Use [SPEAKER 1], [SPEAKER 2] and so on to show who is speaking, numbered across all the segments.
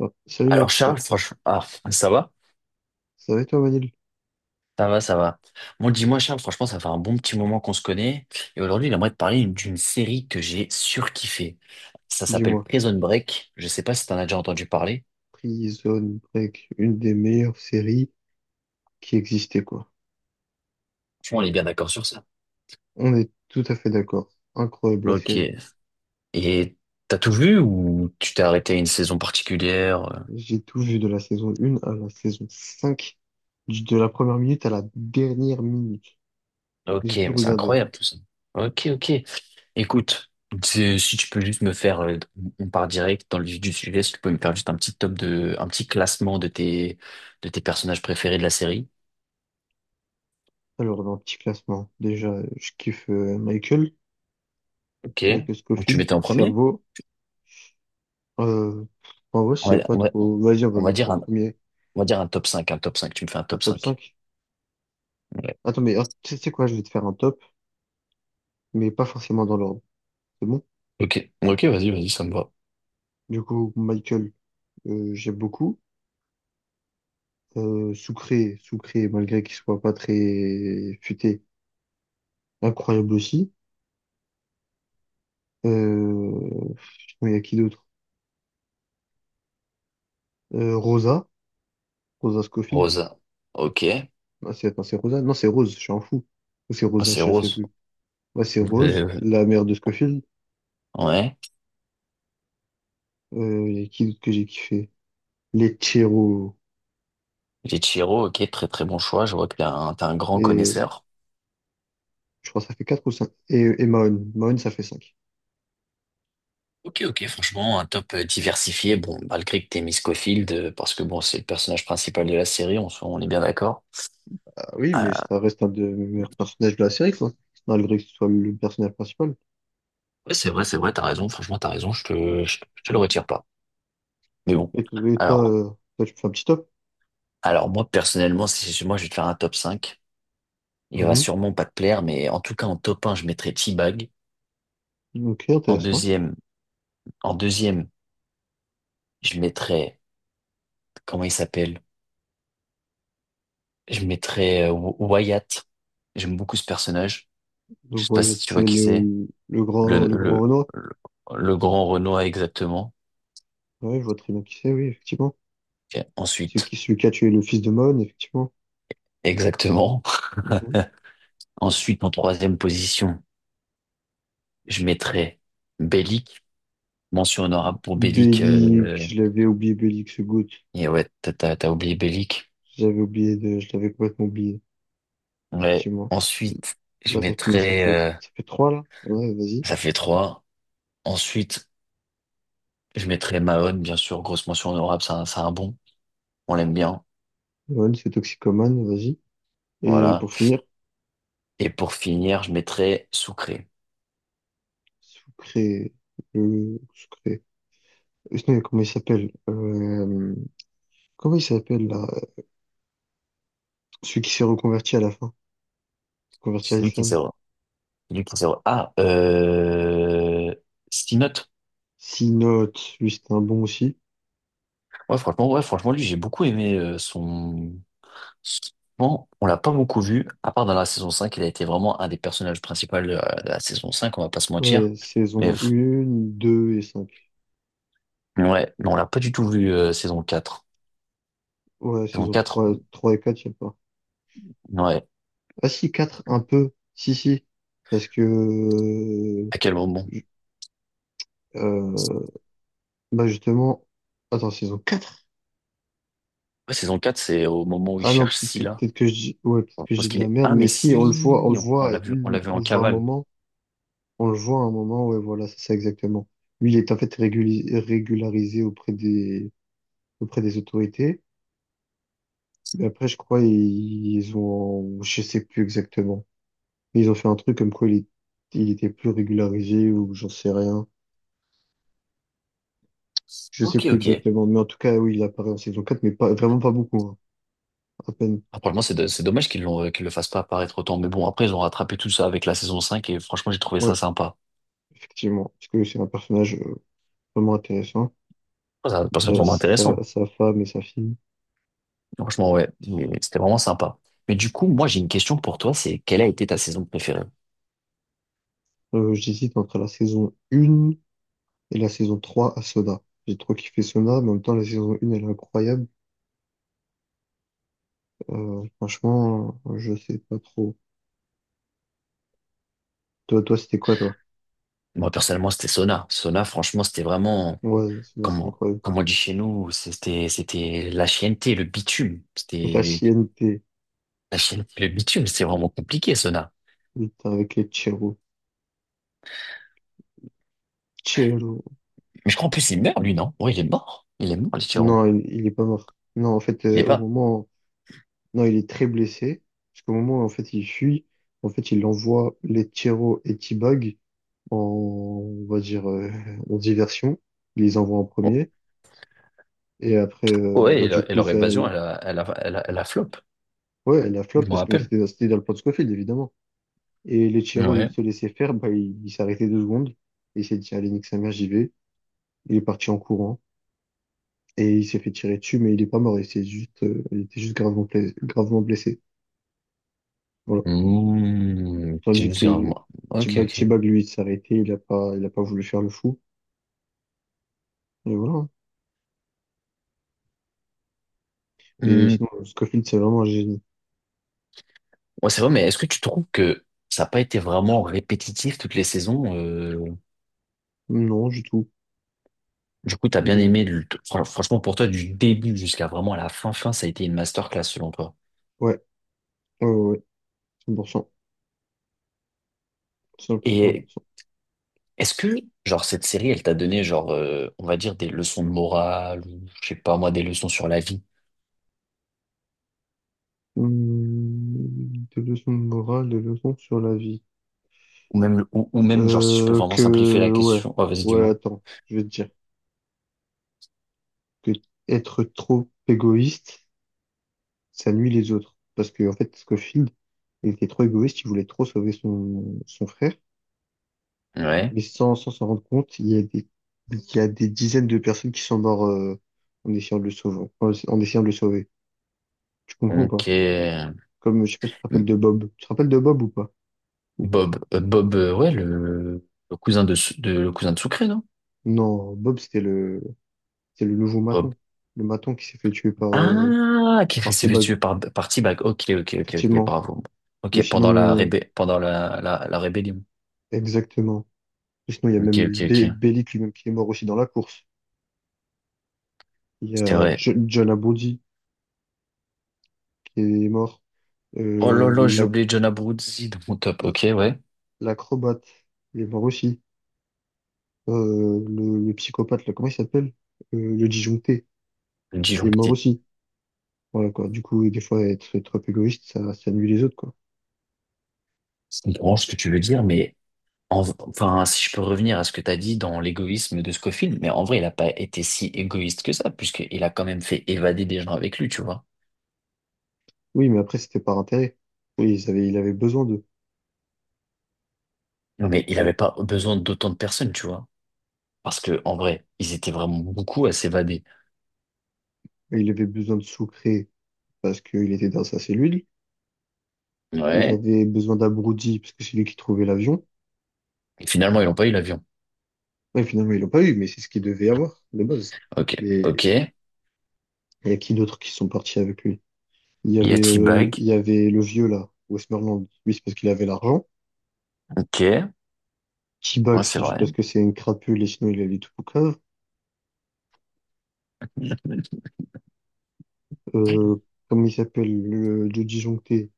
[SPEAKER 1] Ah, salut
[SPEAKER 2] Alors
[SPEAKER 1] mec,
[SPEAKER 2] Charles, franchement, ah, ça va?
[SPEAKER 1] ça va et toi Manil?
[SPEAKER 2] Ça va, ça va. Bon, dis-moi Charles, franchement, ça fait un bon petit moment qu'on se connaît. Et aujourd'hui, j'aimerais te parler d'une série que j'ai surkiffée. Ça s'appelle
[SPEAKER 1] Dis-moi,
[SPEAKER 2] Prison Break. Je sais pas si t'en as déjà entendu parler.
[SPEAKER 1] Prison Break, une des meilleures séries qui existait quoi.
[SPEAKER 2] Franchement, on est bien d'accord sur ça.
[SPEAKER 1] On est tout à fait d'accord. Incroyable la
[SPEAKER 2] Ok.
[SPEAKER 1] série.
[SPEAKER 2] Et t'as tout vu ou tu t'es arrêté à une saison particulière?
[SPEAKER 1] J'ai tout vu de la saison 1 à la saison 5, de la première minute à la dernière minute. J'ai
[SPEAKER 2] Ok,
[SPEAKER 1] tout
[SPEAKER 2] mais c'est
[SPEAKER 1] regardé.
[SPEAKER 2] incroyable tout ça. Ok, ok. Écoute, si tu peux juste me faire, on part direct dans le vif du sujet, si tu peux me faire juste un petit classement de tes personnages préférés de la série.
[SPEAKER 1] Alors dans le petit classement, déjà je kiffe Michael,
[SPEAKER 2] Ok.
[SPEAKER 1] Michael
[SPEAKER 2] Donc tu
[SPEAKER 1] Scofield,
[SPEAKER 2] mettais en premier?
[SPEAKER 1] Cerveau. Euh, En vrai je
[SPEAKER 2] On va,
[SPEAKER 1] sais pas
[SPEAKER 2] on va,
[SPEAKER 1] trop. Vas-y on va
[SPEAKER 2] on va
[SPEAKER 1] mettre
[SPEAKER 2] dire
[SPEAKER 1] en premier
[SPEAKER 2] on va dire un top cinq. Tu me fais un
[SPEAKER 1] un
[SPEAKER 2] top
[SPEAKER 1] top
[SPEAKER 2] 5.
[SPEAKER 1] 5.
[SPEAKER 2] Ouais.
[SPEAKER 1] Attends tu sais quoi, je vais te faire un top mais pas forcément dans l'ordre. C'est bon?
[SPEAKER 2] Ok, ok, vas-y, vas-y, ça me va.
[SPEAKER 1] Du coup, Michael, j'aime beaucoup. Soucré, malgré qu'il soit pas très futé, incroyable aussi. Euh, sinon, il y a qui d'autre? Euh, Rosa, Rosa Scofield.
[SPEAKER 2] Rosa. Ok.
[SPEAKER 1] Ah, c'est, attends, c'est Rosa? Non, c'est Rose, je suis un fou. Ou c'est
[SPEAKER 2] Ah,
[SPEAKER 1] Rosa,
[SPEAKER 2] c'est
[SPEAKER 1] je sais
[SPEAKER 2] Rose.
[SPEAKER 1] plus. Ouais, c'est Rose, la mère de Scofield.
[SPEAKER 2] Ouais.
[SPEAKER 1] Il y a qui d'autre que j'ai kiffé? Les Chiro.
[SPEAKER 2] Ichiro, ok, très très bon choix. Je vois que t'es un grand
[SPEAKER 1] Et
[SPEAKER 2] connaisseur.
[SPEAKER 1] je crois que ça fait quatre ou cinq. Et Mahon. Mahon, ça fait cinq.
[SPEAKER 2] Ok, ok, franchement, un top diversifié. Bon, malgré que t'aies mis Scofield, parce que bon, c'est le personnage principal de la série, on est bien d'accord.
[SPEAKER 1] Ah oui, mais
[SPEAKER 2] Euh,
[SPEAKER 1] ça reste un des meilleurs personnages de la série, quoi. Malgré que ce soit le personnage principal.
[SPEAKER 2] ouais, c'est vrai, t'as raison, franchement, t'as raison, je te le retire pas. Mais bon,
[SPEAKER 1] Et toi,
[SPEAKER 2] alors,
[SPEAKER 1] toi, tu fais un petit top?
[SPEAKER 2] alors moi, personnellement, si, moi, je vais te faire un top 5. Il va sûrement pas te plaire, mais en tout cas, en top un, je mettrais T-Bag.
[SPEAKER 1] Mhm. Ok,
[SPEAKER 2] En
[SPEAKER 1] intéressant.
[SPEAKER 2] deuxième, en deuxième, je mettrais, comment il s'appelle? Je mettrais Wyatt. J'aime beaucoup ce personnage. Je
[SPEAKER 1] Donc,
[SPEAKER 2] sais pas
[SPEAKER 1] ouais,
[SPEAKER 2] si tu vois
[SPEAKER 1] c'est
[SPEAKER 2] qui c'est. Le,
[SPEAKER 1] le grand
[SPEAKER 2] le,
[SPEAKER 1] Renoir.
[SPEAKER 2] le, le grand Renoir, exactement.
[SPEAKER 1] Ouais, je vois très bien qui c'est, oui, effectivement.
[SPEAKER 2] Ok,
[SPEAKER 1] C'est qui,
[SPEAKER 2] ensuite,
[SPEAKER 1] celui qui a tué le fils de Mon, effectivement.
[SPEAKER 2] exactement.
[SPEAKER 1] Mhm.
[SPEAKER 2] Ensuite, en troisième position, je mettrais Bellic. Mention honorable pour Bellic.
[SPEAKER 1] Bélix, je l'avais oublié, Bélix Good.
[SPEAKER 2] Et ouais, t'as oublié Bellic.
[SPEAKER 1] Je l'avais complètement oublié,
[SPEAKER 2] Ouais.
[SPEAKER 1] effectivement.
[SPEAKER 2] Ensuite, je
[SPEAKER 1] Là, ça commence,
[SPEAKER 2] mettrais... euh,
[SPEAKER 1] ça fait trois, là. Ouais, vas-y.
[SPEAKER 2] ça fait trois. Ensuite, je mettrais Mahon, bien sûr. Grosse mention honorable, c'est un bon. On l'aime bien.
[SPEAKER 1] Mon, c'est Toxicomane, vas-y. Et
[SPEAKER 2] Voilà.
[SPEAKER 1] pour finir,
[SPEAKER 2] Et pour finir, je mettrais Soucré.
[SPEAKER 1] Sucré, Sucré. Sinon, comment il s'appelle? Comment il s'appelle, là? Celui qui s'est reconverti à la fin, converti à
[SPEAKER 2] Celui qui
[SPEAKER 1] l'islam.
[SPEAKER 2] s'est... Celui qui s'est... Ah, Sinote.
[SPEAKER 1] Six notes, lui c'était un bon aussi.
[SPEAKER 2] Ouais, franchement, lui, j'ai beaucoup aimé son... Bon, on l'a pas beaucoup vu, à part dans la saison 5 il a été vraiment un des personnages principaux de la saison cinq, on va pas se mentir.
[SPEAKER 1] Ouais,
[SPEAKER 2] Mais
[SPEAKER 1] saison
[SPEAKER 2] f-
[SPEAKER 1] 1, 2 et 5.
[SPEAKER 2] ouais, non, on l'a pas du tout vu saison quatre.
[SPEAKER 1] Ouais,
[SPEAKER 2] Saison
[SPEAKER 1] saison
[SPEAKER 2] quatre,
[SPEAKER 1] trois, et 4 il n'y a pas.
[SPEAKER 2] ouais,
[SPEAKER 1] Ah si, 4 un peu. Si, si. Parce que... euh,
[SPEAKER 2] à quel moment?
[SPEAKER 1] ju- euh, bah justement. Attends, saison 4.
[SPEAKER 2] Ouais, saison quatre c'est au moment où il
[SPEAKER 1] Ah non,
[SPEAKER 2] cherche Scylla.
[SPEAKER 1] peut-être que je dis... Ouais, peut-être que je
[SPEAKER 2] Parce
[SPEAKER 1] dis de
[SPEAKER 2] qu'il
[SPEAKER 1] la
[SPEAKER 2] est...
[SPEAKER 1] merde.
[SPEAKER 2] Ah, mais
[SPEAKER 1] Mais si,
[SPEAKER 2] si, on l'a vu
[SPEAKER 1] on
[SPEAKER 2] en
[SPEAKER 1] le voit un
[SPEAKER 2] cavale.
[SPEAKER 1] moment. On le voit un moment, ouais, voilà, c'est ça exactement. Lui, il est en fait régularisé auprès des autorités. Mais après, je crois, ils ont, je sais plus exactement. Mais ils ont fait un truc comme quoi il était plus régularisé ou j'en sais rien. Je sais
[SPEAKER 2] Ok,
[SPEAKER 1] plus
[SPEAKER 2] ok.
[SPEAKER 1] exactement. Mais en tout cas, oui, il apparaît en saison 4, mais pas, vraiment pas beaucoup, hein. À peine.
[SPEAKER 2] Après, moi, c'est dommage qu'ils l'ont, qu'ils le fassent pas apparaître autant. Mais bon, après, ils ont rattrapé tout ça avec la saison 5 et franchement, j'ai trouvé ça
[SPEAKER 1] Ouais,
[SPEAKER 2] sympa.
[SPEAKER 1] effectivement. Parce que c'est un personnage vraiment intéressant. Avec
[SPEAKER 2] C'est vraiment intéressant.
[SPEAKER 1] sa femme et sa fille.
[SPEAKER 2] Franchement, ouais, mais c'était vraiment sympa. Mais du coup, moi, j'ai une question pour toi, c'est quelle a été ta saison préférée?
[SPEAKER 1] J'hésite entre la saison 1 et la saison 3 à Soda. J'ai trop kiffé Soda, mais en même temps, la saison 1, elle est incroyable. Je sais pas trop. Toi, c'était quoi, toi?
[SPEAKER 2] Moi, personnellement, c'était Sona. Sona, franchement, c'était vraiment,
[SPEAKER 1] Ouais, c'est
[SPEAKER 2] comme,
[SPEAKER 1] incroyable.
[SPEAKER 2] comme on dit chez nous, c'était la chienneté, le bitume.
[SPEAKER 1] La
[SPEAKER 2] C'était
[SPEAKER 1] CNP,
[SPEAKER 2] la chienneté, le bitume, c'était vraiment compliqué, Sona.
[SPEAKER 1] il était avec les Chiro. Chiro.
[SPEAKER 2] Mais je crois en plus, il meurt, lui, non? Ouais, il est mort. Il est mort, le tyran.
[SPEAKER 1] Non, il est pas mort. Non, en fait,
[SPEAKER 2] Il est
[SPEAKER 1] au
[SPEAKER 2] pas.
[SPEAKER 1] moment... Non, il est très blessé. Parce qu'au moment où, en fait, il fuit, en fait, il envoie les Chiro et T-Bag en, on va dire, en diversion. Il les envoie en
[SPEAKER 2] Oh.
[SPEAKER 1] premier. Et après,
[SPEAKER 2] Ouais,
[SPEAKER 1] du
[SPEAKER 2] et
[SPEAKER 1] coup,
[SPEAKER 2] leur
[SPEAKER 1] ça...
[SPEAKER 2] évasion, elle a flop.
[SPEAKER 1] Ouais, elle a flop
[SPEAKER 2] Je m'en
[SPEAKER 1] parce que
[SPEAKER 2] rappelle.
[SPEAKER 1] c'était dans le plan de Scofield, évidemment. Et les Chiro, au lieu de
[SPEAKER 2] Ouais.
[SPEAKER 1] se laisser faire, bah, il s'est arrêté deux secondes. Il s'est dit, allez, nique sa mère, j'y vais. Il est parti en courant. Et il s'est fait tirer dessus, mais il est pas mort, il était juste gravement, gravement blessé. Voilà.
[SPEAKER 2] Mmh, je
[SPEAKER 1] Tandis
[SPEAKER 2] me souviens,
[SPEAKER 1] que
[SPEAKER 2] moi. Ok, ok.
[SPEAKER 1] T-Bag, lui, il s'est arrêté, il a pas voulu faire le fou. Et voilà. Et
[SPEAKER 2] Hmm,
[SPEAKER 1] sinon, Scofield, c'est vraiment un génie.
[SPEAKER 2] ouais, c'est vrai, mais est-ce que tu trouves que ça n'a pas été vraiment répétitif toutes les saisons?
[SPEAKER 1] Non, du tout.
[SPEAKER 2] Du coup, t'as
[SPEAKER 1] Non,
[SPEAKER 2] bien
[SPEAKER 1] non.
[SPEAKER 2] aimé, franchement, pour toi, du début jusqu'à vraiment fin, ça a été une masterclass selon toi.
[SPEAKER 1] Ouais, ouais, ouais, ouais. 100%.
[SPEAKER 2] Et
[SPEAKER 1] 100%.
[SPEAKER 2] est-ce que, genre, cette série, elle t'a donné, genre, on va dire, des leçons de morale, ou je sais pas, moi, des leçons sur la vie,
[SPEAKER 1] Des leçons de morale, des leçons sur la vie.
[SPEAKER 2] ou même, ou même, genre, si je peux
[SPEAKER 1] Euh,
[SPEAKER 2] vraiment
[SPEAKER 1] que,
[SPEAKER 2] simplifier la
[SPEAKER 1] ouais,
[SPEAKER 2] question. Oh, vas-y,
[SPEAKER 1] ouais,
[SPEAKER 2] dis-moi.
[SPEAKER 1] attends, je vais te dire que être trop égoïste, ça nuit les autres. Parce que, en fait, Scofield, il était trop égoïste, il voulait trop sauver son, son frère.
[SPEAKER 2] Ouais.
[SPEAKER 1] Mais sans, sans s'en rendre compte, il y a des dizaines de personnes qui sont mortes en essayant de le sauver, en essayant de le sauver. Tu comprends ou pas?
[SPEAKER 2] Ok.
[SPEAKER 1] Comme, je sais pas si tu te rappelles de Bob. Tu te rappelles de Bob ou pas?
[SPEAKER 2] Bob, ouais, le cousin de, le cousin de Sucré, non?
[SPEAKER 1] Non, Bob, c'était le nouveau maton. Le maton qui s'est fait tuer par,
[SPEAKER 2] Ah, qui est
[SPEAKER 1] par
[SPEAKER 2] restitué
[SPEAKER 1] T-Bug.
[SPEAKER 2] par T-Bag. Ok, ok, ok, ok,
[SPEAKER 1] Effectivement.
[SPEAKER 2] bravo.
[SPEAKER 1] Ou
[SPEAKER 2] Ok,
[SPEAKER 1] sinon,
[SPEAKER 2] pendant la rébellion.
[SPEAKER 1] exactement. Ou sinon, il y a
[SPEAKER 2] Ok,
[SPEAKER 1] même
[SPEAKER 2] ok, ok.
[SPEAKER 1] Bellic lui-même qui est mort aussi dans la course. Il y
[SPEAKER 2] C'est
[SPEAKER 1] a
[SPEAKER 2] vrai.
[SPEAKER 1] John Abruzzese qui est mort.
[SPEAKER 2] Oh là
[SPEAKER 1] Euh,
[SPEAKER 2] là, j'ai
[SPEAKER 1] la,
[SPEAKER 2] oublié John Abruzzi dans mon top. Ok, ouais.
[SPEAKER 1] L'acrobate, il est mort aussi. Le psychopathe, là, comment il s'appelle? Le disjoncté,
[SPEAKER 2] Le
[SPEAKER 1] il est mort
[SPEAKER 2] disjoncté.
[SPEAKER 1] aussi. Voilà, quoi. Du coup, des fois, être trop égoïste, ça nuit les autres, quoi.
[SPEAKER 2] Je comprends ce que tu veux dire, mais enfin, si je peux revenir à ce que tu as dit dans l'égoïsme de Scofield, mais en vrai, il n'a pas été si égoïste que ça, puisqu'il a quand même fait évader des gens avec lui, tu vois.
[SPEAKER 1] Oui, mais après, c'était par intérêt. Oui, il avait besoin d'eux,
[SPEAKER 2] Non, mais il
[SPEAKER 1] tu vois.
[SPEAKER 2] n'avait pas besoin d'autant de personnes, tu vois. Parce que, en vrai, ils étaient vraiment beaucoup à s'évader.
[SPEAKER 1] Et il avait besoin de Sucré parce qu'il était dans sa cellule. Il
[SPEAKER 2] Ouais.
[SPEAKER 1] avait besoin d'Abruti parce que c'est lui qui trouvait l'avion.
[SPEAKER 2] Et finalement, ils n'ont pas eu l'avion.
[SPEAKER 1] Ouais, finalement, ils l'ont pas eu, mais c'est ce qu'il devait avoir, de base.
[SPEAKER 2] Ok,
[SPEAKER 1] Mais
[SPEAKER 2] ok. Il
[SPEAKER 1] il y a qui d'autres qui sont partis avec lui?
[SPEAKER 2] y a
[SPEAKER 1] Il
[SPEAKER 2] T-Bag.
[SPEAKER 1] y avait le vieux, là, Westmoreland. Lui, c'est parce qu'il avait l'argent.
[SPEAKER 2] Ok, ouais,
[SPEAKER 1] T-Bag,
[SPEAKER 2] c'est
[SPEAKER 1] c'est juste
[SPEAKER 2] vrai.
[SPEAKER 1] parce que c'est une crapule et sinon il allait tout au cave. Euh, comme il s'appelle, le Joe disjoncté,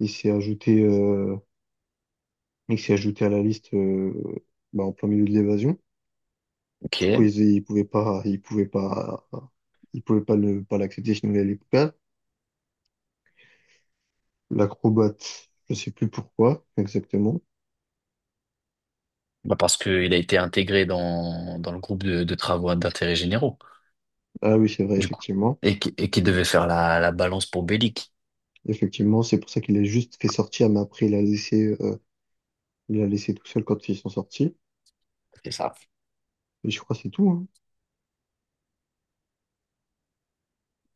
[SPEAKER 1] il s'est ajouté, euh, il s'est ajouté à la liste bah, en plein milieu de l'évasion. Du coup,
[SPEAKER 2] Ok.
[SPEAKER 1] ils pouvaient pas pas l'accepter sinon il allait tout cave. L'acrobate, je sais plus pourquoi exactement.
[SPEAKER 2] Bah parce qu'il a été intégré dans le groupe de travaux d'intérêt généraux,
[SPEAKER 1] Ah oui, c'est vrai,
[SPEAKER 2] du coup.
[SPEAKER 1] effectivement.
[SPEAKER 2] Et qui devait faire la balance pour Bellic.
[SPEAKER 1] Effectivement, c'est pour ça qu'il a juste fait sortir, mais après il a laissé tout seul quand ils sont sortis.
[SPEAKER 2] C'est ça.
[SPEAKER 1] Et je crois que c'est tout. Hein.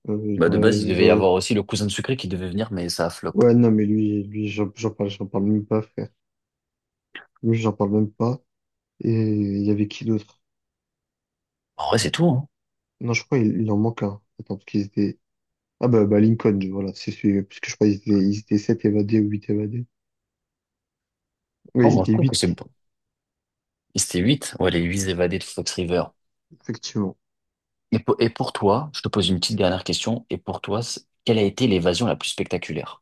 [SPEAKER 1] Euh, je
[SPEAKER 2] Bah de base, il devait y
[SPEAKER 1] dirais-
[SPEAKER 2] avoir aussi le cousin de Sucré qui devait venir, mais ça a flop.
[SPEAKER 1] Ouais, non, mais lui, j'en parle même pas, frère. Lui, j'en parle même pas. Et il y avait qui d'autre?
[SPEAKER 2] En vrai, c'est tout, hein.
[SPEAKER 1] Non, je crois il en manque un. Attends, parce qu'ils étaient. Ah bah Lincoln, voilà, c'est celui, parce que je crois ils étaient sept évadés ou huit évadés. Ouais,
[SPEAKER 2] Non,
[SPEAKER 1] ils
[SPEAKER 2] moi, je
[SPEAKER 1] étaient
[SPEAKER 2] trouve que c'est
[SPEAKER 1] huit
[SPEAKER 2] bon. Et c'était 8. Ouais, les 8 évadés de Fox River.
[SPEAKER 1] effectivement.
[SPEAKER 2] Et pour toi, je te pose une petite dernière question. Et pour toi, quelle a été l'évasion la plus spectaculaire,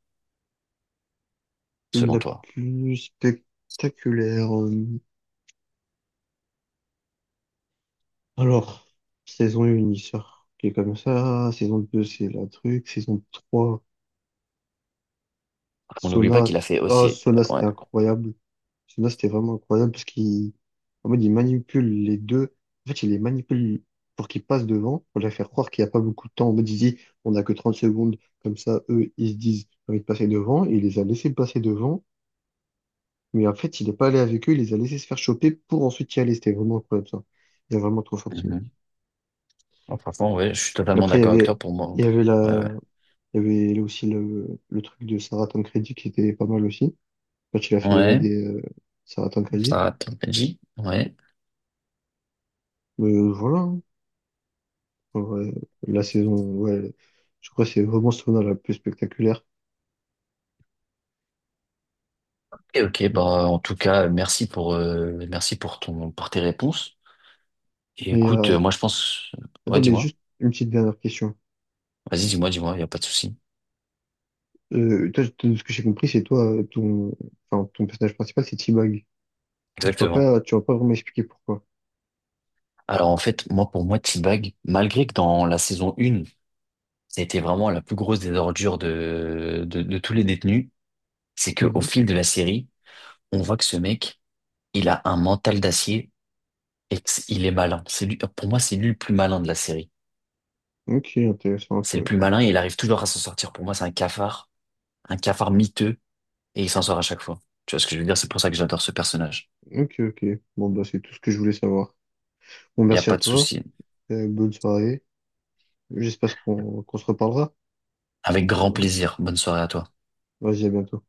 [SPEAKER 2] selon
[SPEAKER 1] La
[SPEAKER 2] toi?
[SPEAKER 1] plus spectaculaire. Alors, saison un il sort, qui est comme ça. Saison 2 c'est la truc. Saison 3
[SPEAKER 2] On n'oublie pas
[SPEAKER 1] Sona.
[SPEAKER 2] qu'il a fait
[SPEAKER 1] Ah,
[SPEAKER 2] aussi.
[SPEAKER 1] Sona, c'était
[SPEAKER 2] Ouais.
[SPEAKER 1] incroyable. Celui-là, c'était vraiment incroyable en mode, il manipule les deux. En fait, il les manipule pour qu'ils passent devant, pour les faire croire qu'il n'y a pas beaucoup de temps. En mode, il dit, on n'a que 30 secondes. Comme ça, eux, ils se disent, j'ai envie de passer devant. Et il les a laissés passer devant. Mais en fait, il n'est pas allé avec eux. Il les a laissés se faire choper pour ensuite y aller. C'était vraiment incroyable, ça. Il est vraiment trop fort, ce mec.
[SPEAKER 2] Mhm. Bon franchement, ouais, je suis totalement
[SPEAKER 1] Après,
[SPEAKER 2] d'accord avec toi pour moi.
[SPEAKER 1] il y avait
[SPEAKER 2] Ouais, ouais.
[SPEAKER 1] la, il y avait aussi le truc de Sarah Tancredi qui était pas mal aussi. Quand il a fait
[SPEAKER 2] Ouais,
[SPEAKER 1] évader, Sarah Tancredi.
[SPEAKER 2] ça t'as dit. Ouais.
[SPEAKER 1] Mais voilà, hein. En vrai, la saison, ouais, je crois que c'est vraiment Sona la plus spectaculaire.
[SPEAKER 2] Et ok, bah, en tout cas, merci pour pour tes réponses. Et
[SPEAKER 1] mais
[SPEAKER 2] écoute,
[SPEAKER 1] euh,
[SPEAKER 2] moi, je pense, ouais,
[SPEAKER 1] Attends, mais
[SPEAKER 2] dis-moi.
[SPEAKER 1] juste une petite dernière question.
[SPEAKER 2] Vas-y, dis-moi, dis-moi, il n'y a pas de souci.
[SPEAKER 1] De ce que j'ai compris, c'est toi, ton, enfin, ton personnage principal, c'est T-Bag.
[SPEAKER 2] Exactement.
[SPEAKER 1] Tu vas pas vraiment expliquer pourquoi.
[SPEAKER 2] Alors, en fait, moi, pour moi, T-Bag, malgré que dans la saison 1, ça a été vraiment la plus grosse des ordures de tous les détenus, c'est qu'au
[SPEAKER 1] Mhm.
[SPEAKER 2] fil de la série, on voit que ce mec, il a un mental d'acier. Et que il est malin. C'est lui, pour moi, c'est lui le plus malin de la série.
[SPEAKER 1] Ok, intéressant,
[SPEAKER 2] C'est le plus
[SPEAKER 1] intéressant.
[SPEAKER 2] malin et il arrive toujours à s'en sortir. Pour moi, c'est un cafard miteux et il s'en sort à chaque fois. Tu vois ce que je veux dire? C'est pour ça que j'adore ce personnage.
[SPEAKER 1] Ok, ok. Bon, bah, c'est tout ce que je voulais savoir. Bon,
[SPEAKER 2] Il n'y a
[SPEAKER 1] merci à
[SPEAKER 2] pas de
[SPEAKER 1] toi.
[SPEAKER 2] souci.
[SPEAKER 1] Bonne soirée. J'espère qu'on se reparlera.
[SPEAKER 2] Avec grand
[SPEAKER 1] Voilà.
[SPEAKER 2] plaisir. Bonne soirée à toi.
[SPEAKER 1] Vas-y, à bientôt.